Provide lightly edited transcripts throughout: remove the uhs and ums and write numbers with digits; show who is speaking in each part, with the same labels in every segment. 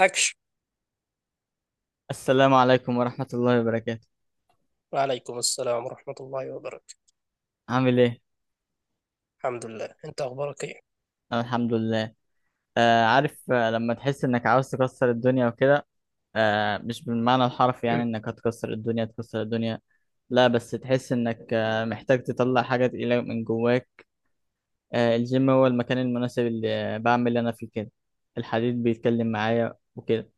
Speaker 1: أكشن.
Speaker 2: السلام عليكم ورحمة الله وبركاته.
Speaker 1: وعليكم السلام ورحمة الله وبركاته.
Speaker 2: عامل ايه؟
Speaker 1: الحمد لله، أنت أخبارك إيه؟
Speaker 2: أنا الحمد لله. عارف، لما تحس انك عاوز تكسر الدنيا وكده. مش بالمعنى الحرفي، يعني انك هتكسر الدنيا تكسر الدنيا. لا بس تحس انك محتاج تطلع حاجة تقيلة من جواك. الجيم هو المكان المناسب اللي بعمل انا فيه كده. الحديد بيتكلم معايا وكده.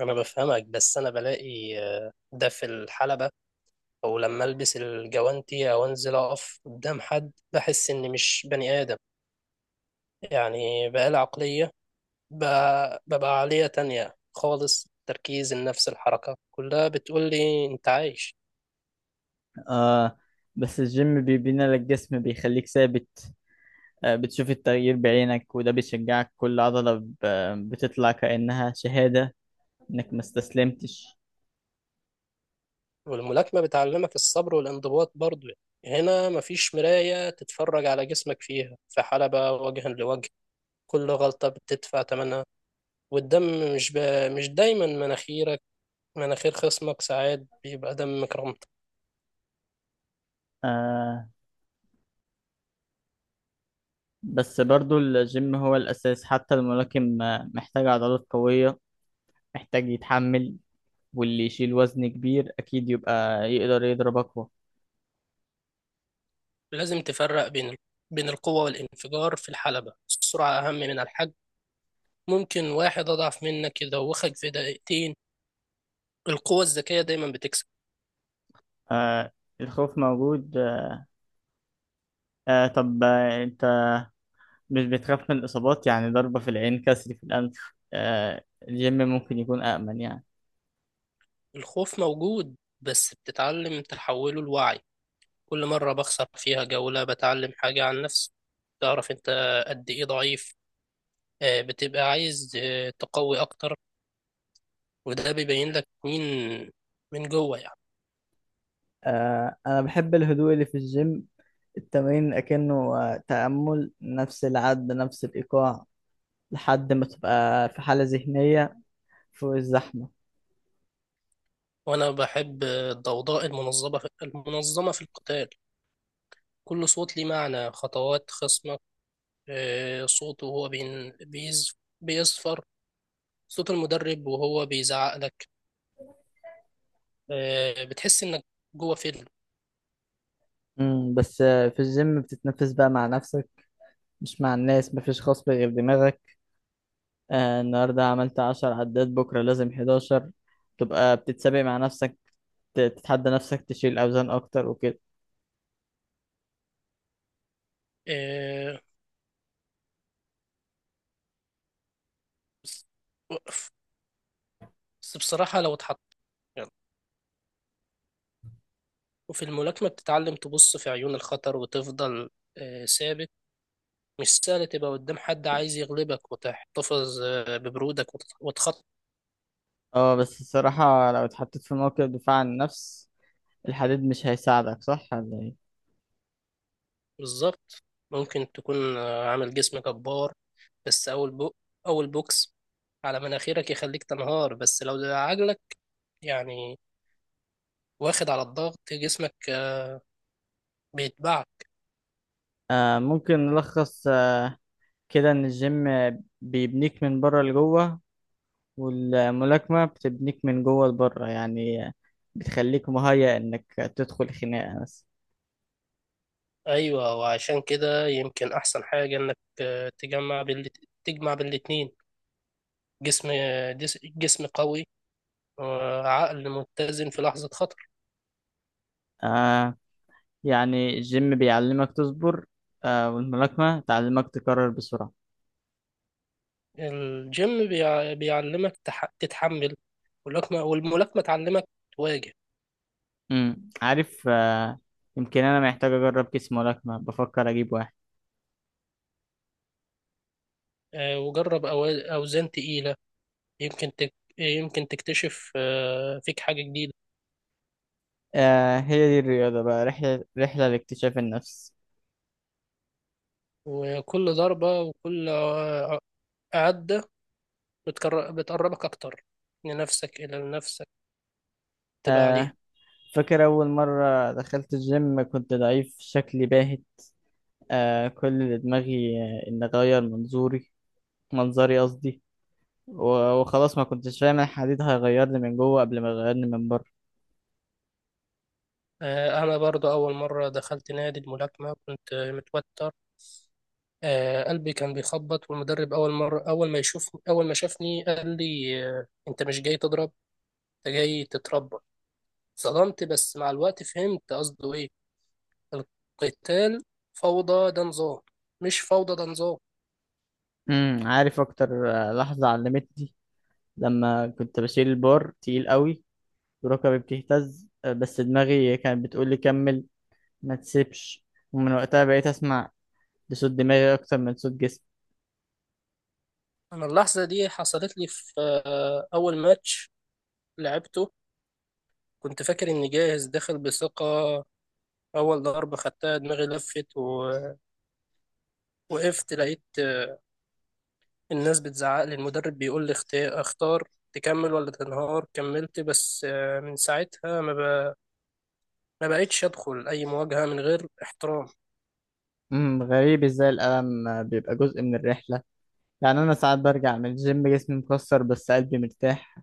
Speaker 1: أنا بفهمك، بس أنا بلاقي ده في الحلبة، أو لما ألبس الجوانتي أو أنزل أقف قدام حد بحس إني مش بني آدم. يعني بقالي عقلية، ببقى عقلية تانية خالص. تركيز النفس، الحركة، كلها بتقول لي أنت عايش.
Speaker 2: آه، بس الجيم بيبني لك جسم، بيخليك ثابت. بتشوف التغيير بعينك، وده بيشجعك. كل عضلة بتطلع كأنها شهادة انك ما استسلمتش.
Speaker 1: والملاكمة بتعلمك الصبر والانضباط برضه. هنا مفيش مراية تتفرج على جسمك فيها، في حلبة وجها لوجه كل غلطة بتدفع تمنها. والدم مش مش دايما مناخيرك، مناخير خصمك ساعات بيبقى دم كرامتك.
Speaker 2: آه، بس برضو الجيم هو الاساس. حتى الملاكم محتاج عضلات قوية، محتاج يتحمل. واللي يشيل وزن كبير اكيد يبقى يقدر يضرب اقوى.
Speaker 1: لازم تفرق بين بين القوة والانفجار. في الحلبة السرعة أهم من الحجم، ممكن واحد أضعف منك يدوخك في دقيقتين. القوة الذكية دايما بتكسب.
Speaker 2: آه، الخوف موجود. طب، انت مش بتخاف من الاصابات؟ يعني ضربة في العين، كسر في الانف. الجيم ممكن يكون امن يعني.
Speaker 1: الخوف موجود، بس بتتعلم تحوله لوعي. كل مرة بخسر فيها جولة بتعلم حاجة عن نفسي، تعرف أنت قد إيه ضعيف، بتبقى عايز تقوي أكتر. وده بيبين لك مين من جوه يعني.
Speaker 2: آه، أنا بحب الهدوء اللي في الجيم. التمرين أكنه تأمل، نفس العد، نفس الإيقاع، لحد ما تبقى في حالة ذهنية فوق الزحمة.
Speaker 1: وانا بحب الضوضاء المنظمه، في القتال كل صوت ليه معنى، خطوات خصمك، صوته وهو بيصفر، صوت المدرب وهو بيزعق لك. بتحس انك جوه فيلم.
Speaker 2: بس في الجيم بتتنفس بقى مع نفسك، مش مع الناس. مفيش خصب غير دماغك. آه، النهاردة عملت 10 عدات، بكرة لازم 11. تبقى بتتسابق مع نفسك، تتحدى نفسك، تشيل أوزان أكتر وكده.
Speaker 1: آه، وقف. بس بصراحة لو اتحط، يعني. وفي الملاكمة بتتعلم تبص في عيون الخطر وتفضل ثابت. مش سهل تبقى قدام حد عايز يغلبك وتحتفظ ببرودك وتخطط.
Speaker 2: اه، بس الصراحة لو اتحطيت في موقف دفاع عن النفس، الحديد مش هيساعدك، صح ولا ايه؟
Speaker 1: بالظبط. ممكن تكون عامل جسم جبار، بس أول بوكس على مناخيرك يخليك تنهار. بس لو ده عجلك يعني، واخد على الضغط، جسمك بيتبعت.
Speaker 2: ممكن نلخص كده إن الجيم بيبنيك من بره لجوه، والملاكمة بتبنيك من جوه لبره. يعني بتخليك مهيأ إنك تدخل خناقة بس.
Speaker 1: أيوة، وعشان كده يمكن أحسن حاجة إنك تجمع تجمع بالاتنين، جسم جسم قوي وعقل متزن في لحظة خطر.
Speaker 2: آه، يعني الجيم بيعلمك تصبر، آه، والملاكمة تعلمك تكرر بسرعة.
Speaker 1: الجيم بيعلمك تتحمل، والملاكمة تعلمك تواجه.
Speaker 2: عارف، آه، يمكن أنا محتاج أجرب كيس ملاكمة. بفكر أجيب واحد.
Speaker 1: وجرب أوزان تقيلة، يمكن تكتشف فيك حاجة جديدة.
Speaker 2: آه، هي دي الرياضة بقى، رحلة، رحلة لاكتشاف النفس.
Speaker 1: وكل ضربة وكل عدة بتقربك أكتر لنفسك، إلى نفسك تبقى
Speaker 2: آه،
Speaker 1: عليها.
Speaker 2: فاكر أول مرة دخلت الجيم كنت ضعيف، شكلي باهت. كل اللي دماغي إن أغير منظوري، منظري قصدي. وخلاص ما كنتش فاهم الحديد هيغيرني من جوه قبل ما يغيرني من بره.
Speaker 1: أنا برضو أول مرة دخلت نادي الملاكمة كنت متوتر، قلبي كان بيخبط. والمدرب أول مرة أول ما يشوف أول ما شافني قال لي أنت مش جاي تضرب، أنت جاي تتربى. صدمت، بس مع الوقت فهمت قصده إيه. القتال فوضى ده نظام مش فوضى، ده نظام.
Speaker 2: عارف اكتر لحظة علمتني لما كنت بشيل البار تقيل قوي وركبي بتهتز، بس دماغي كانت بتقول لي كمل، ما تسيبش. ومن وقتها بقيت اسمع لصوت دماغي اكتر من صوت جسمي.
Speaker 1: انا اللحظه دي حصلت لي في اول ماتش لعبته. كنت فاكر اني جاهز، داخل بثقه. اول ضربه خدتها دماغي لفت ووقفت، لقيت الناس بتزعق لي، المدرب بيقول لي اختار تكمل ولا تنهار. كملت، بس من ساعتها ما بقتش ادخل اي مواجهه من غير احترام.
Speaker 2: غريب ازاي الألم بيبقى جزء من الرحلة. يعني انا ساعات برجع من الجيم جسمي مكسر بس قلبي مرتاح.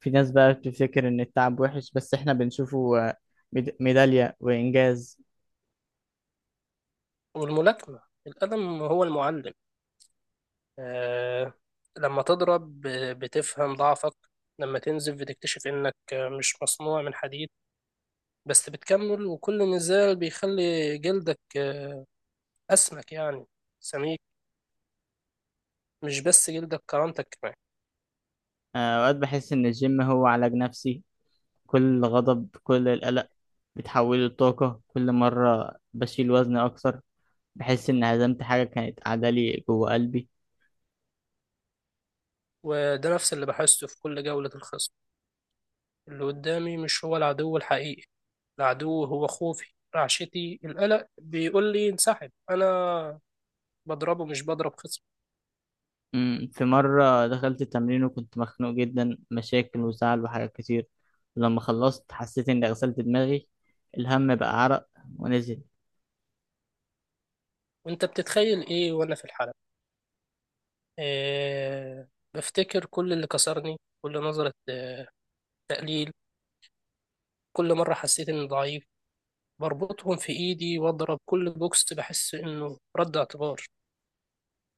Speaker 2: في ناس بقى بتفتكر ان التعب وحش، بس احنا بنشوفه ميدالية وإنجاز.
Speaker 1: والملاكمه، القلم هو المعلم. آه، لما تضرب بتفهم ضعفك، لما تنزف بتكتشف انك مش مصنوع من حديد، بس بتكمل. وكل نزال بيخلي جلدك أسمك يعني، سميك، مش بس جلدك، كرامتك كمان.
Speaker 2: آه، أوقات بحس إن الجيم هو علاج نفسي. كل غضب، كل القلق، بتحوله لطاقة. كل مرة بشيل وزن أكتر بحس إن هزمت حاجة كانت قاعدة لي جوه قلبي.
Speaker 1: وده نفس اللي بحسه في كل جولة. الخصم اللي قدامي مش هو العدو الحقيقي، العدو هو خوفي، رعشتي، القلق بيقول لي انسحب. أنا بضربه، مش بضرب خصم.
Speaker 2: أمم، في مرة دخلت التمرين وكنت مخنوق جدا، مشاكل وزعل وحاجات كتير. ولما خلصت حسيت إني غسلت دماغي، الهم بقى عرق ونزل.
Speaker 1: وانت بتتخيل ايه وانا في الحلبة؟ إيه، بفتكر كل اللي كسرني، كل نظرة تقليل، كل مرة حسيت اني ضعيف، بربطهم في إيدي وأضرب. كل بوكس بحس إنه رد اعتبار.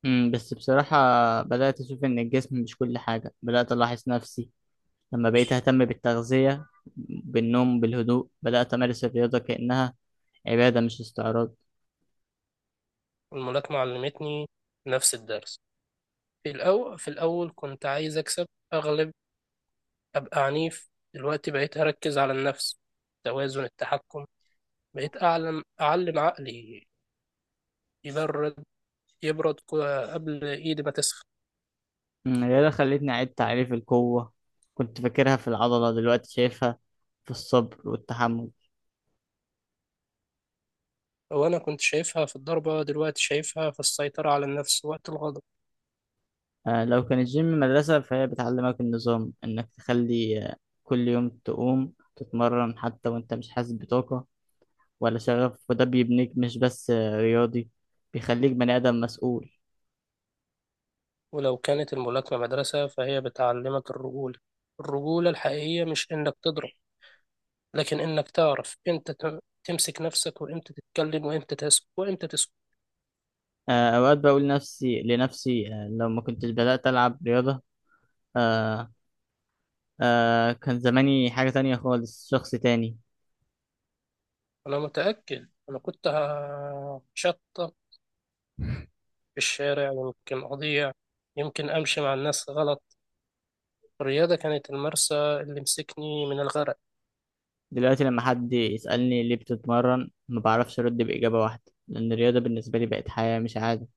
Speaker 2: أمم، بس بصراحة بدأت أشوف إن الجسم مش كل حاجة. بدأت ألاحظ نفسي لما بقيت أهتم بالتغذية، بالنوم، بالهدوء. بدأت أمارس الرياضة كأنها عبادة، مش استعراض.
Speaker 1: الملاكمة علمتني نفس الدرس. في الأول كنت عايز أكسب، أغلب، أبقى عنيف. دلوقتي بقيت أركز على النفس، توازن، التحكم. بقيت أعلم عقلي يبرد، قبل إيدي ما تسخن.
Speaker 2: أمم، الرياضة خلتني أعيد تعريف القوة. كنت فاكرها في العضلة، دلوقتي شايفها في الصبر والتحمل.
Speaker 1: وأنا كنت شايفها في الضربة، دلوقتي شايفها في السيطرة على النفس وقت الغضب.
Speaker 2: آه، لو كان الجيم مدرسة فهي بتعلمك النظام، إنك تخلي كل يوم تقوم تتمرن حتى وإنت مش حاسس بطاقة ولا شغف. وده بيبنيك مش بس رياضي، بيخليك بني آدم مسؤول.
Speaker 1: ولو كانت الملاكمة مدرسة فهي بتعلمك الرجولة. الرجولة الحقيقية مش إنك تضرب، لكن انك تعرف امتى تمسك نفسك، وامتى تتكلم، وامتى تسكت.
Speaker 2: آه، أوقات بقول نفسي لنفسي، لو ما كنتش بدأت ألعب رياضة، آه، آه، كان زماني حاجة تانية خالص، شخص تاني.
Speaker 1: انا متأكد انا كنت هشطب في الشارع، يمكن اضيع، يمكن امشي مع الناس غلط. الرياضة كانت المرسى اللي مسكني من الغرق.
Speaker 2: دلوقتي لما حد يسألني ليه بتتمرن، ما بعرفش أرد بإجابة واحدة، لأن الرياضة بالنسبة لي بقت حياة مش عادة.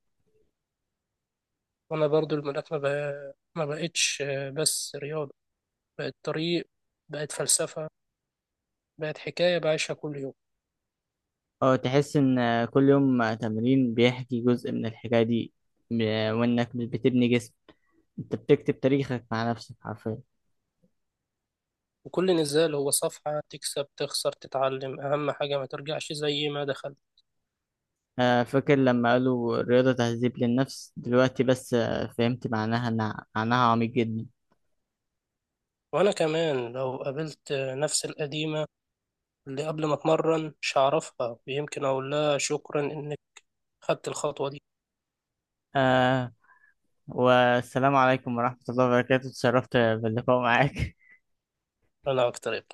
Speaker 1: وانا برضو الملاكمة ما بقتش بس رياضة، بقت طريق، بقت فلسفة، بقت حكاية بعيشها كل يوم.
Speaker 2: اه، تحس إن كل يوم تمرين بيحكي جزء من الحكاية دي. وإنك مش بتبني جسم، أنت بتكتب تاريخك مع نفسك حرفيا.
Speaker 1: وكل نزال هو صفحة، تكسب، تخسر، تتعلم. أهم حاجة ما ترجعش زي ما دخل.
Speaker 2: آه، فاكر لما قالوا الرياضة تهذيب للنفس، دلوقتي بس فهمت معناها، معناها عميق جدا.
Speaker 1: وأنا كمان لو قابلت نفس القديمة اللي قبل ما أتمرن مش هعرفها، ويمكن أقول لها شكرا إنك خدت الخطوة دي.
Speaker 2: آه، والسلام عليكم ورحمة الله وبركاته، اتشرفت باللقاء معاك.
Speaker 1: أنا أكتر.